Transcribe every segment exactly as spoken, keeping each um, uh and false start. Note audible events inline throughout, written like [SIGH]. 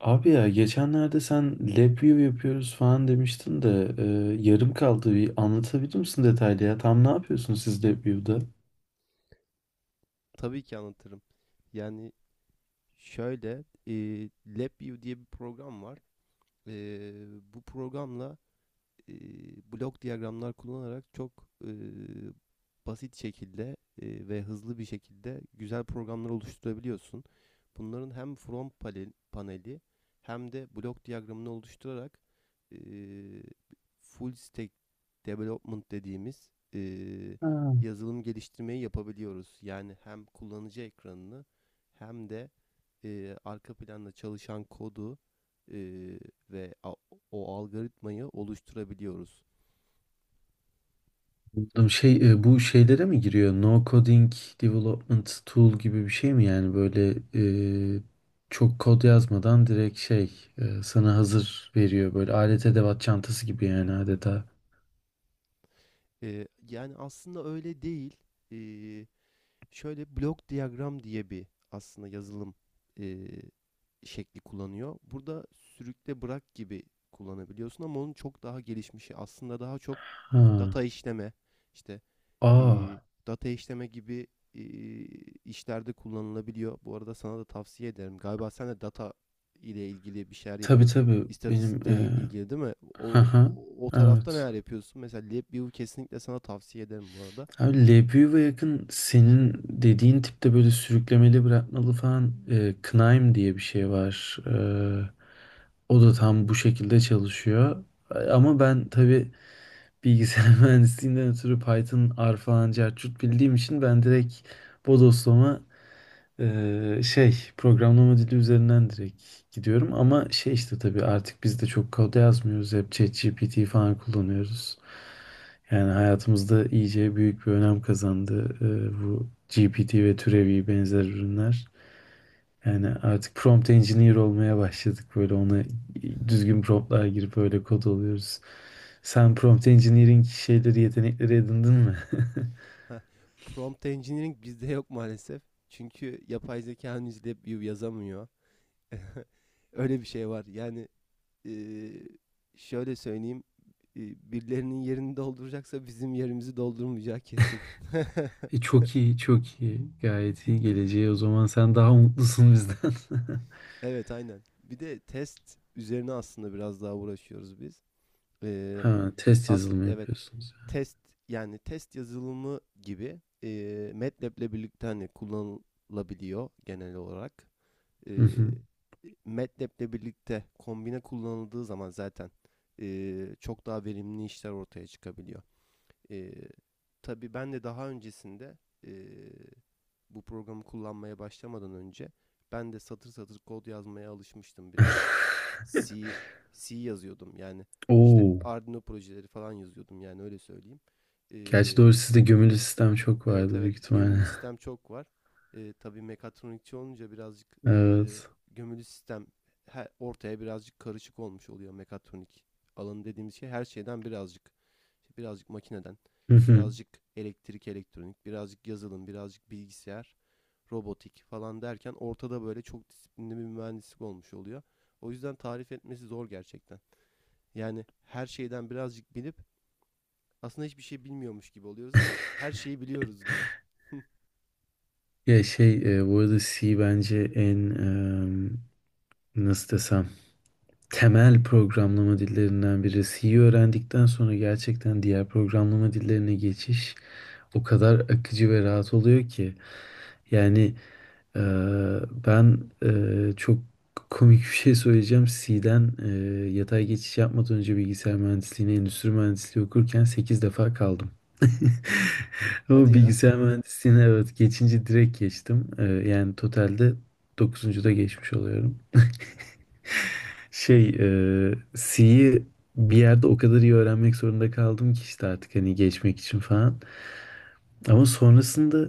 Abi ya geçenlerde sen lab view yapıyoruz falan demiştin de e, yarım kaldı. Bir anlatabilir misin detaylı ya? Tam ne yapıyorsunuz siz lab view'da? Tabii ki anlatırım. Yani Şöyle, eee LabVIEW diye bir program var. Eee, Bu programla eee blok diyagramlar kullanarak çok eee, basit şekilde eee, ve hızlı bir şekilde güzel programlar oluşturabiliyorsun. Bunların hem front panel, paneli hem de blok diyagramını oluşturarak eee, full stack development dediğimiz eee, Ha. yazılım geliştirmeyi yapabiliyoruz. Yani hem kullanıcı ekranını hem de eee, arka planda çalışan kodu eee, ve a- o algoritmayı oluşturabiliyoruz. Anladım. Şey, e, bu şeylere mi giriyor? No coding development tool gibi bir şey mi yani böyle e, çok kod yazmadan direkt şey e, sana hazır veriyor böyle alet edevat çantası gibi yani adeta. Eee, yani aslında öyle değil. Eee, Şöyle, blok diyagram diye bir aslında yazılım eee, şekli kullanıyor. Burada sürükle bırak gibi kullanabiliyorsun ama onun çok daha gelişmişi aslında daha çok Ha. data işleme işte e, Aa. data işleme gibi e, işlerde kullanılabiliyor. Bu arada sana da tavsiye ederim. Galiba sen de data ile ilgili bir şeyler Tabii yapıyordun. tabii benim İstatistikle e, ilgili değil mi? [LAUGHS] O, haha o tarafta evet. neler yapıyorsun? Mesela LabVIEW kesinlikle sana tavsiye ederim bu arada. Abi Lebow'a yakın senin dediğin tipte böyle sürüklemeli bırakmalı falan e, Knaim diye bir şey var. E, o da tam bu şekilde çalışıyor. E, Ama ben tabii bilgisayar [LAUGHS] mühendisliğinden ötürü Python, R falan cart curt bildiğim için ben direkt bodoslama ee, şey programlama dili üzerinden direkt gidiyorum ama şey işte tabii artık biz de çok kod yazmıyoruz, hep ChatGPT falan kullanıyoruz. Yani hayatımızda iyice büyük bir önem kazandı ee, bu G P T ve türevi benzer ürünler. Yani artık prompt engineer olmaya başladık, böyle ona [LAUGHS] düzgün promptlar girip öyle kod oluyoruz. Sen prompt engineering şeyleri yetenekleri edindin mi? [LAUGHS] Prompt Engineering bizde yok maalesef. Çünkü yapay zeka henüz LabVIEW yazamıyor. [LAUGHS] Öyle bir şey var. Yani Eee, şöyle söyleyeyim, eee, birilerinin yerini dolduracaksa bizim yerimizi doldurmayacağı kesin. E, [LAUGHS] çok iyi, çok iyi, gayet iyi geleceği, o zaman sen daha mutlusun bizden. [LAUGHS] Evet, aynen. Bir de test üzerine aslında biraz daha uğraşıyoruz biz. Eee, Ha, test Aslında yazılımı evet, yapıyorsunuz. test yani test yazılımı gibi eee MATLAB'le birlikte hani kullanılabiliyor genel olarak. Yani. Eee Hı hı. MATLAB'le birlikte kombine kullanıldığı zaman zaten eee, çok daha verimli işler ortaya çıkabiliyor. Ee, tabii ben de daha öncesinde ee, bu programı kullanmaya başlamadan önce ben de satır satır kod yazmaya alışmıştım birazcık. [LAUGHS] C, C yazıyordum yani işte Oo. Arduino projeleri falan yazıyordum yani öyle söyleyeyim. Gerçi Ee, doğru, sizde gömülü sistem çok Evet, vardı evet. büyük Gömülü ihtimalle. sistem [LAUGHS] çok var. Ee, tabii mekatronikçi olunca birazcık e, Evet. gömülü sistem her, ortaya birazcık karışık olmuş oluyor. Mekatronik alanı dediğimiz şey her şeyden birazcık. İşte birazcık makineden, Hı hı. birazcık elektrik elektronik, birazcık yazılım, birazcık bilgisayar, robotik falan derken ortada böyle çok disiplinli bir mühendislik olmuş oluyor. O yüzden tarif etmesi zor gerçekten. Yani her şeyden birazcık bilip aslında hiçbir şey bilmiyormuş gibi oluyoruz ama her şeyi biliyoruz gibi. [LAUGHS] Ya şey e, bu arada C bence en e, nasıl desem temel programlama dillerinden biri. C'yi öğrendikten sonra gerçekten diğer programlama dillerine geçiş o kadar akıcı ve rahat oluyor ki. Yani Ee, ben e, çok komik bir şey söyleyeceğim. C'den e, yatay geçiş yapmadan önce bilgisayar mühendisliğine, endüstri mühendisliği okurken sekiz defa kaldım. [LAUGHS] Hadi Ama ya. bilgisayar mühendisliğine evet, geçince direkt geçtim. Ee, yani totalde dokuzuncu da geçmiş oluyorum. Şey, e, C'yi bir yerde o kadar iyi öğrenmek zorunda kaldım ki işte, artık hani geçmek için falan. Ama sonrasında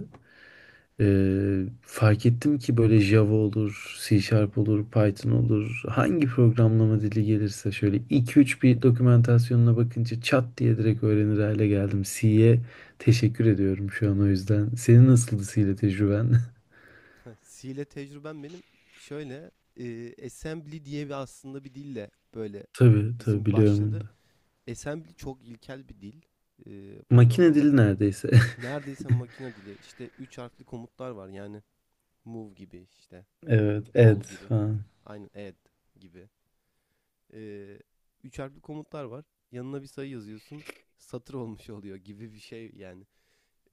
Ee, fark ettim ki böyle Java olur, C Sharp olur, Python olur. Hangi programlama dili gelirse şöyle iki üç bir dokumentasyonuna bakınca çat diye direkt öğrenir hale geldim. C'ye teşekkür ediyorum şu an, o yüzden. Senin nasıldı C ile tecrüben? [LAUGHS] C ile tecrübem benim şöyle e, assembly diye bir aslında bir dille böyle [LAUGHS] Tabii tabii bizim biliyorum onu başladı. da. Assembly çok ilkel bir dil e, Makine dili programlamada. neredeyse. [LAUGHS] Neredeyse makine dili. İşte üç harfli komutlar var. Yani move gibi, işte Evet, roll ed gibi. falan. Aynen add gibi. E, Üç harfli komutlar var. Yanına bir sayı yazıyorsun. Satır olmuş [LAUGHS] oluyor gibi bir şey yani.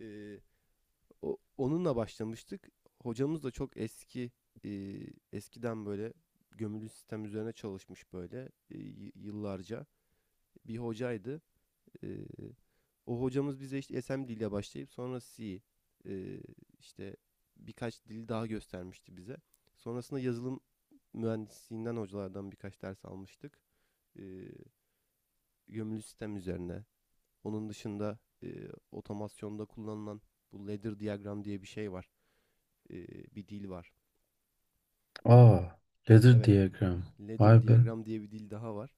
E, O, onunla başlamıştık. Hocamız da çok eski, e, eskiden böyle gömülü sistem üzerine çalışmış böyle e, y- yıllarca bir hocaydı. E, O hocamız bize işte assembly ile başlayıp sonra C, e, işte birkaç dil daha göstermişti bize. Sonrasında yazılım mühendisliğinden hocalardan birkaç ders almıştık. E, Gömülü sistem üzerine. Onun dışında e, otomasyonda kullanılan bu ladder diagram diye bir şey var, e, bir dil var. Aa, ladder Evet, diagram. Vay ladder be. diagram diye bir dil daha var.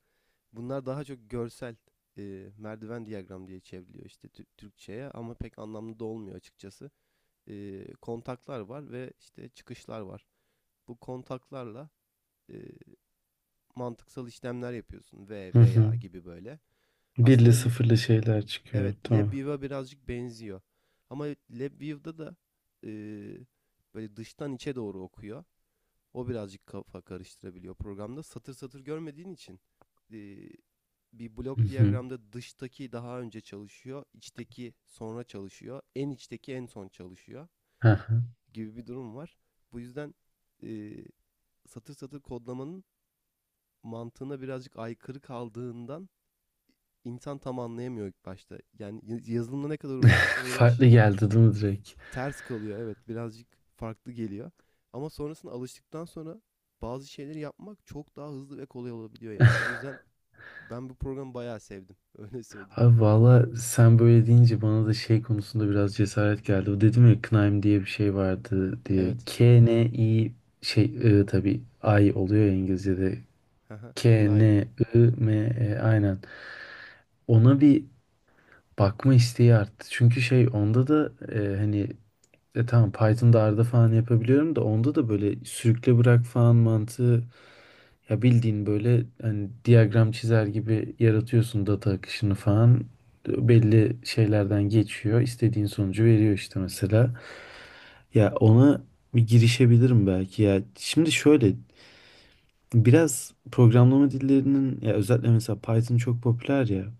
Bunlar daha çok görsel, e, merdiven diagram diye çevriliyor işte Tür- Türkçe'ye, ama pek anlamlı da olmuyor açıkçası. E, kontaklar var ve işte çıkışlar var. Bu kontaklarla e, mantıksal işlemler yapıyorsun, ve Hı hı. veya gibi böyle. Aslında Birli le- sıfırlı şeyler evet, çıkıyor. Tamam. LabVIEW'a birazcık benziyor. Ama LabVIEW'da da e, böyle dıştan içe doğru okuyor. O birazcık kafa karıştırabiliyor programda. Satır satır görmediğin için eee, bir Hı blok hı. diyagramda dıştaki daha önce çalışıyor, içteki sonra çalışıyor, en içteki en son çalışıyor Hı hı. gibi bir durum var. Bu yüzden eee, satır satır kodlamanın mantığına birazcık aykırı kaldığından insan tam anlayamıyor ilk başta. Yani y- yazılımla ne kadar uğraşırsan [LAUGHS] uğraş Farklı geldi değil mi direkt? ters kalıyor, evet, birazcık farklı geliyor. Ama sonrasında alıştıktan sonra bazı şeyleri yapmak çok daha hızlı ve kolay olabiliyor yani. O yüzden ben bu programı bayağı sevdim, [LAUGHS] öyle söyleyeyim. Abi valla sen böyle deyince bana da şey konusunda biraz cesaret geldi. O dedim ya, Knaim diye bir şey vardı diye. Evet. K N I, şey, I, tabii I oluyor ya İngilizce'de. Haha, K, Kınayım. N, I, M, E aynen. Ona bir bakma isteği arttı. Çünkü şey, onda da e, hani e tamam, Python'da arada falan yapabiliyorum da, onda da böyle sürükle bırak falan mantığı, ya bildiğin böyle hani diyagram çizer gibi yaratıyorsun, data akışını falan belli şeylerden geçiyor, istediğin sonucu veriyor işte mesela. Ya ona bir girişebilirim belki ya, şimdi şöyle biraz programlama dillerinin ya, özellikle mesela Python çok popüler ya,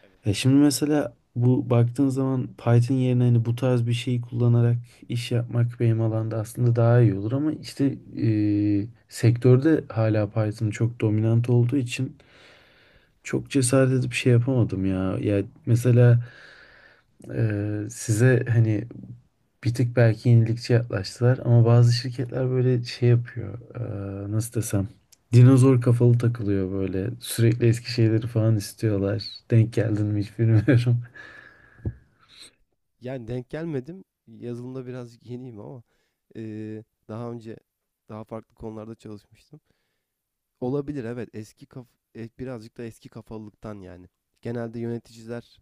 Evet. e şimdi mesela bu, baktığın zaman Python yerine hani bu tarz bir şeyi kullanarak iş yapmak benim alanda aslında daha iyi olur ama işte e, sektörde hala Python çok dominant olduğu için çok cesaret edip şey yapamadım ya. Ya mesela e, size hani bir tık belki yenilikçi yaklaştılar ama bazı şirketler böyle şey yapıyor. e, nasıl desem? Dinozor kafalı takılıyor böyle. Sürekli eski şeyleri falan istiyorlar. Denk geldin mi hiç bilmiyorum. Yani denk gelmedim. Yazılımda birazcık yeniyim, ama eee, daha önce daha farklı konularda çalışmıştım. Olabilir, evet. Eski kaf e, birazcık da eski kafalılıktan yani. Genelde yöneticiler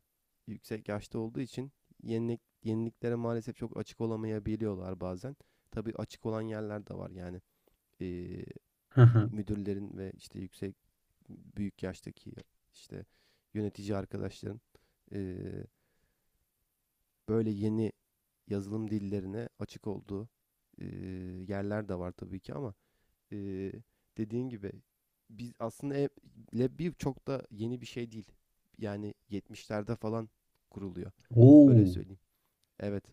yüksek yaşta olduğu için yenilik yeniliklere maalesef çok açık olamayabiliyorlar bazen. Tabii açık olan yerler de var yani. Ee, [LAUGHS] Müdürlerin ve işte yüksek büyük yaştaki işte yönetici arkadaşların ee, böyle yeni yazılım dillerine açık olduğu ee, yerler de var tabii ki, ama ee, dediğin gibi biz aslında e- Lab çok da yeni bir şey değil. Yani yetmişlerde falan kuruluyor. Öyle Oo, söyleyeyim. Evet.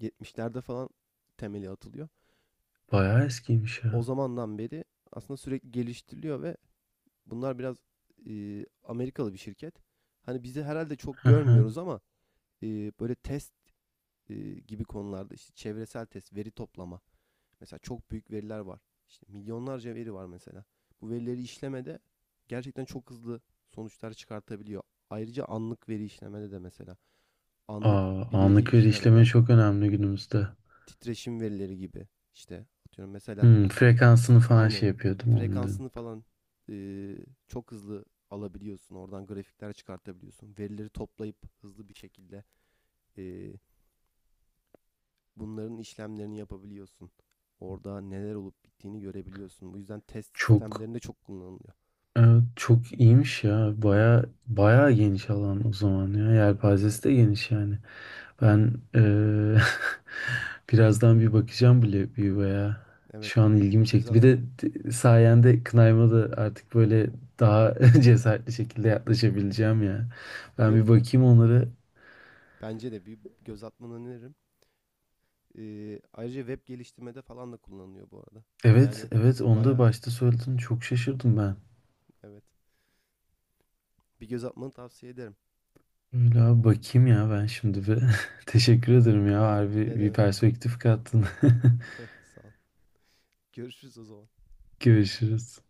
Yetmişlerde falan temeli atılıyor. bayağı eskiymiş O ya. zamandan beri aslında sürekli geliştiriliyor, ve bunlar biraz e, Amerikalı bir şirket. Hani bizi herhalde çok Hı hı. görmüyoruz ama e, böyle test e, gibi konularda işte çevresel test, veri toplama. Mesela çok büyük veriler var. İşte milyonlarca veri var mesela. Bu verileri işlemede gerçekten çok hızlı sonuçlar çıkartabiliyor. Ayrıca anlık veri işlemede de mesela anlık Aa, bir veri anlık veri işleme işlemede çok önemli günümüzde. titreşim verileri gibi işte atıyorum mesela, Hmm, frekansını falan aynen, şey yapıyordum onların. frekansını falan e, çok hızlı alabiliyorsun. Oradan grafikler çıkartabiliyorsun. Verileri toplayıp hızlı bir şekilde e, bunların işlemlerini yapabiliyorsun. Orada neler olup bittiğini görebiliyorsun. Bu yüzden test Çok, sistemlerinde çok kullanılıyor. evet, çok iyiymiş ya. Bayağı bayağı geniş alan o zaman ya. Evet, Yelpazesi de geniş yani. Ben eee, [LAUGHS] birazdan bir bakacağım bile, bir veya evet. şu an ilgimi Göz çekti. at, Bir de t- sayende Knayma da artık böyle daha [LAUGHS] evet, cesaretli şekilde evet. yaklaşabileceğim ya. Ben Web, bir bakayım onları. bence de bir göz atmanı öneririm. Ee, ayrıca web geliştirmede falan da kullanılıyor bu arada. Evet, Yani evet, onu da baya, başta söyledin. Çok şaşırdım ben. evet. Bir göz atmanı tavsiye ederim. Öyle abi, bakayım ya ben şimdi bir. [LAUGHS] Teşekkür ederim ya. Harbi Ne bir demek? perspektif kattın. [LAUGHS] Sağ ol. Görüşürüz o zaman. [LAUGHS] Görüşürüz.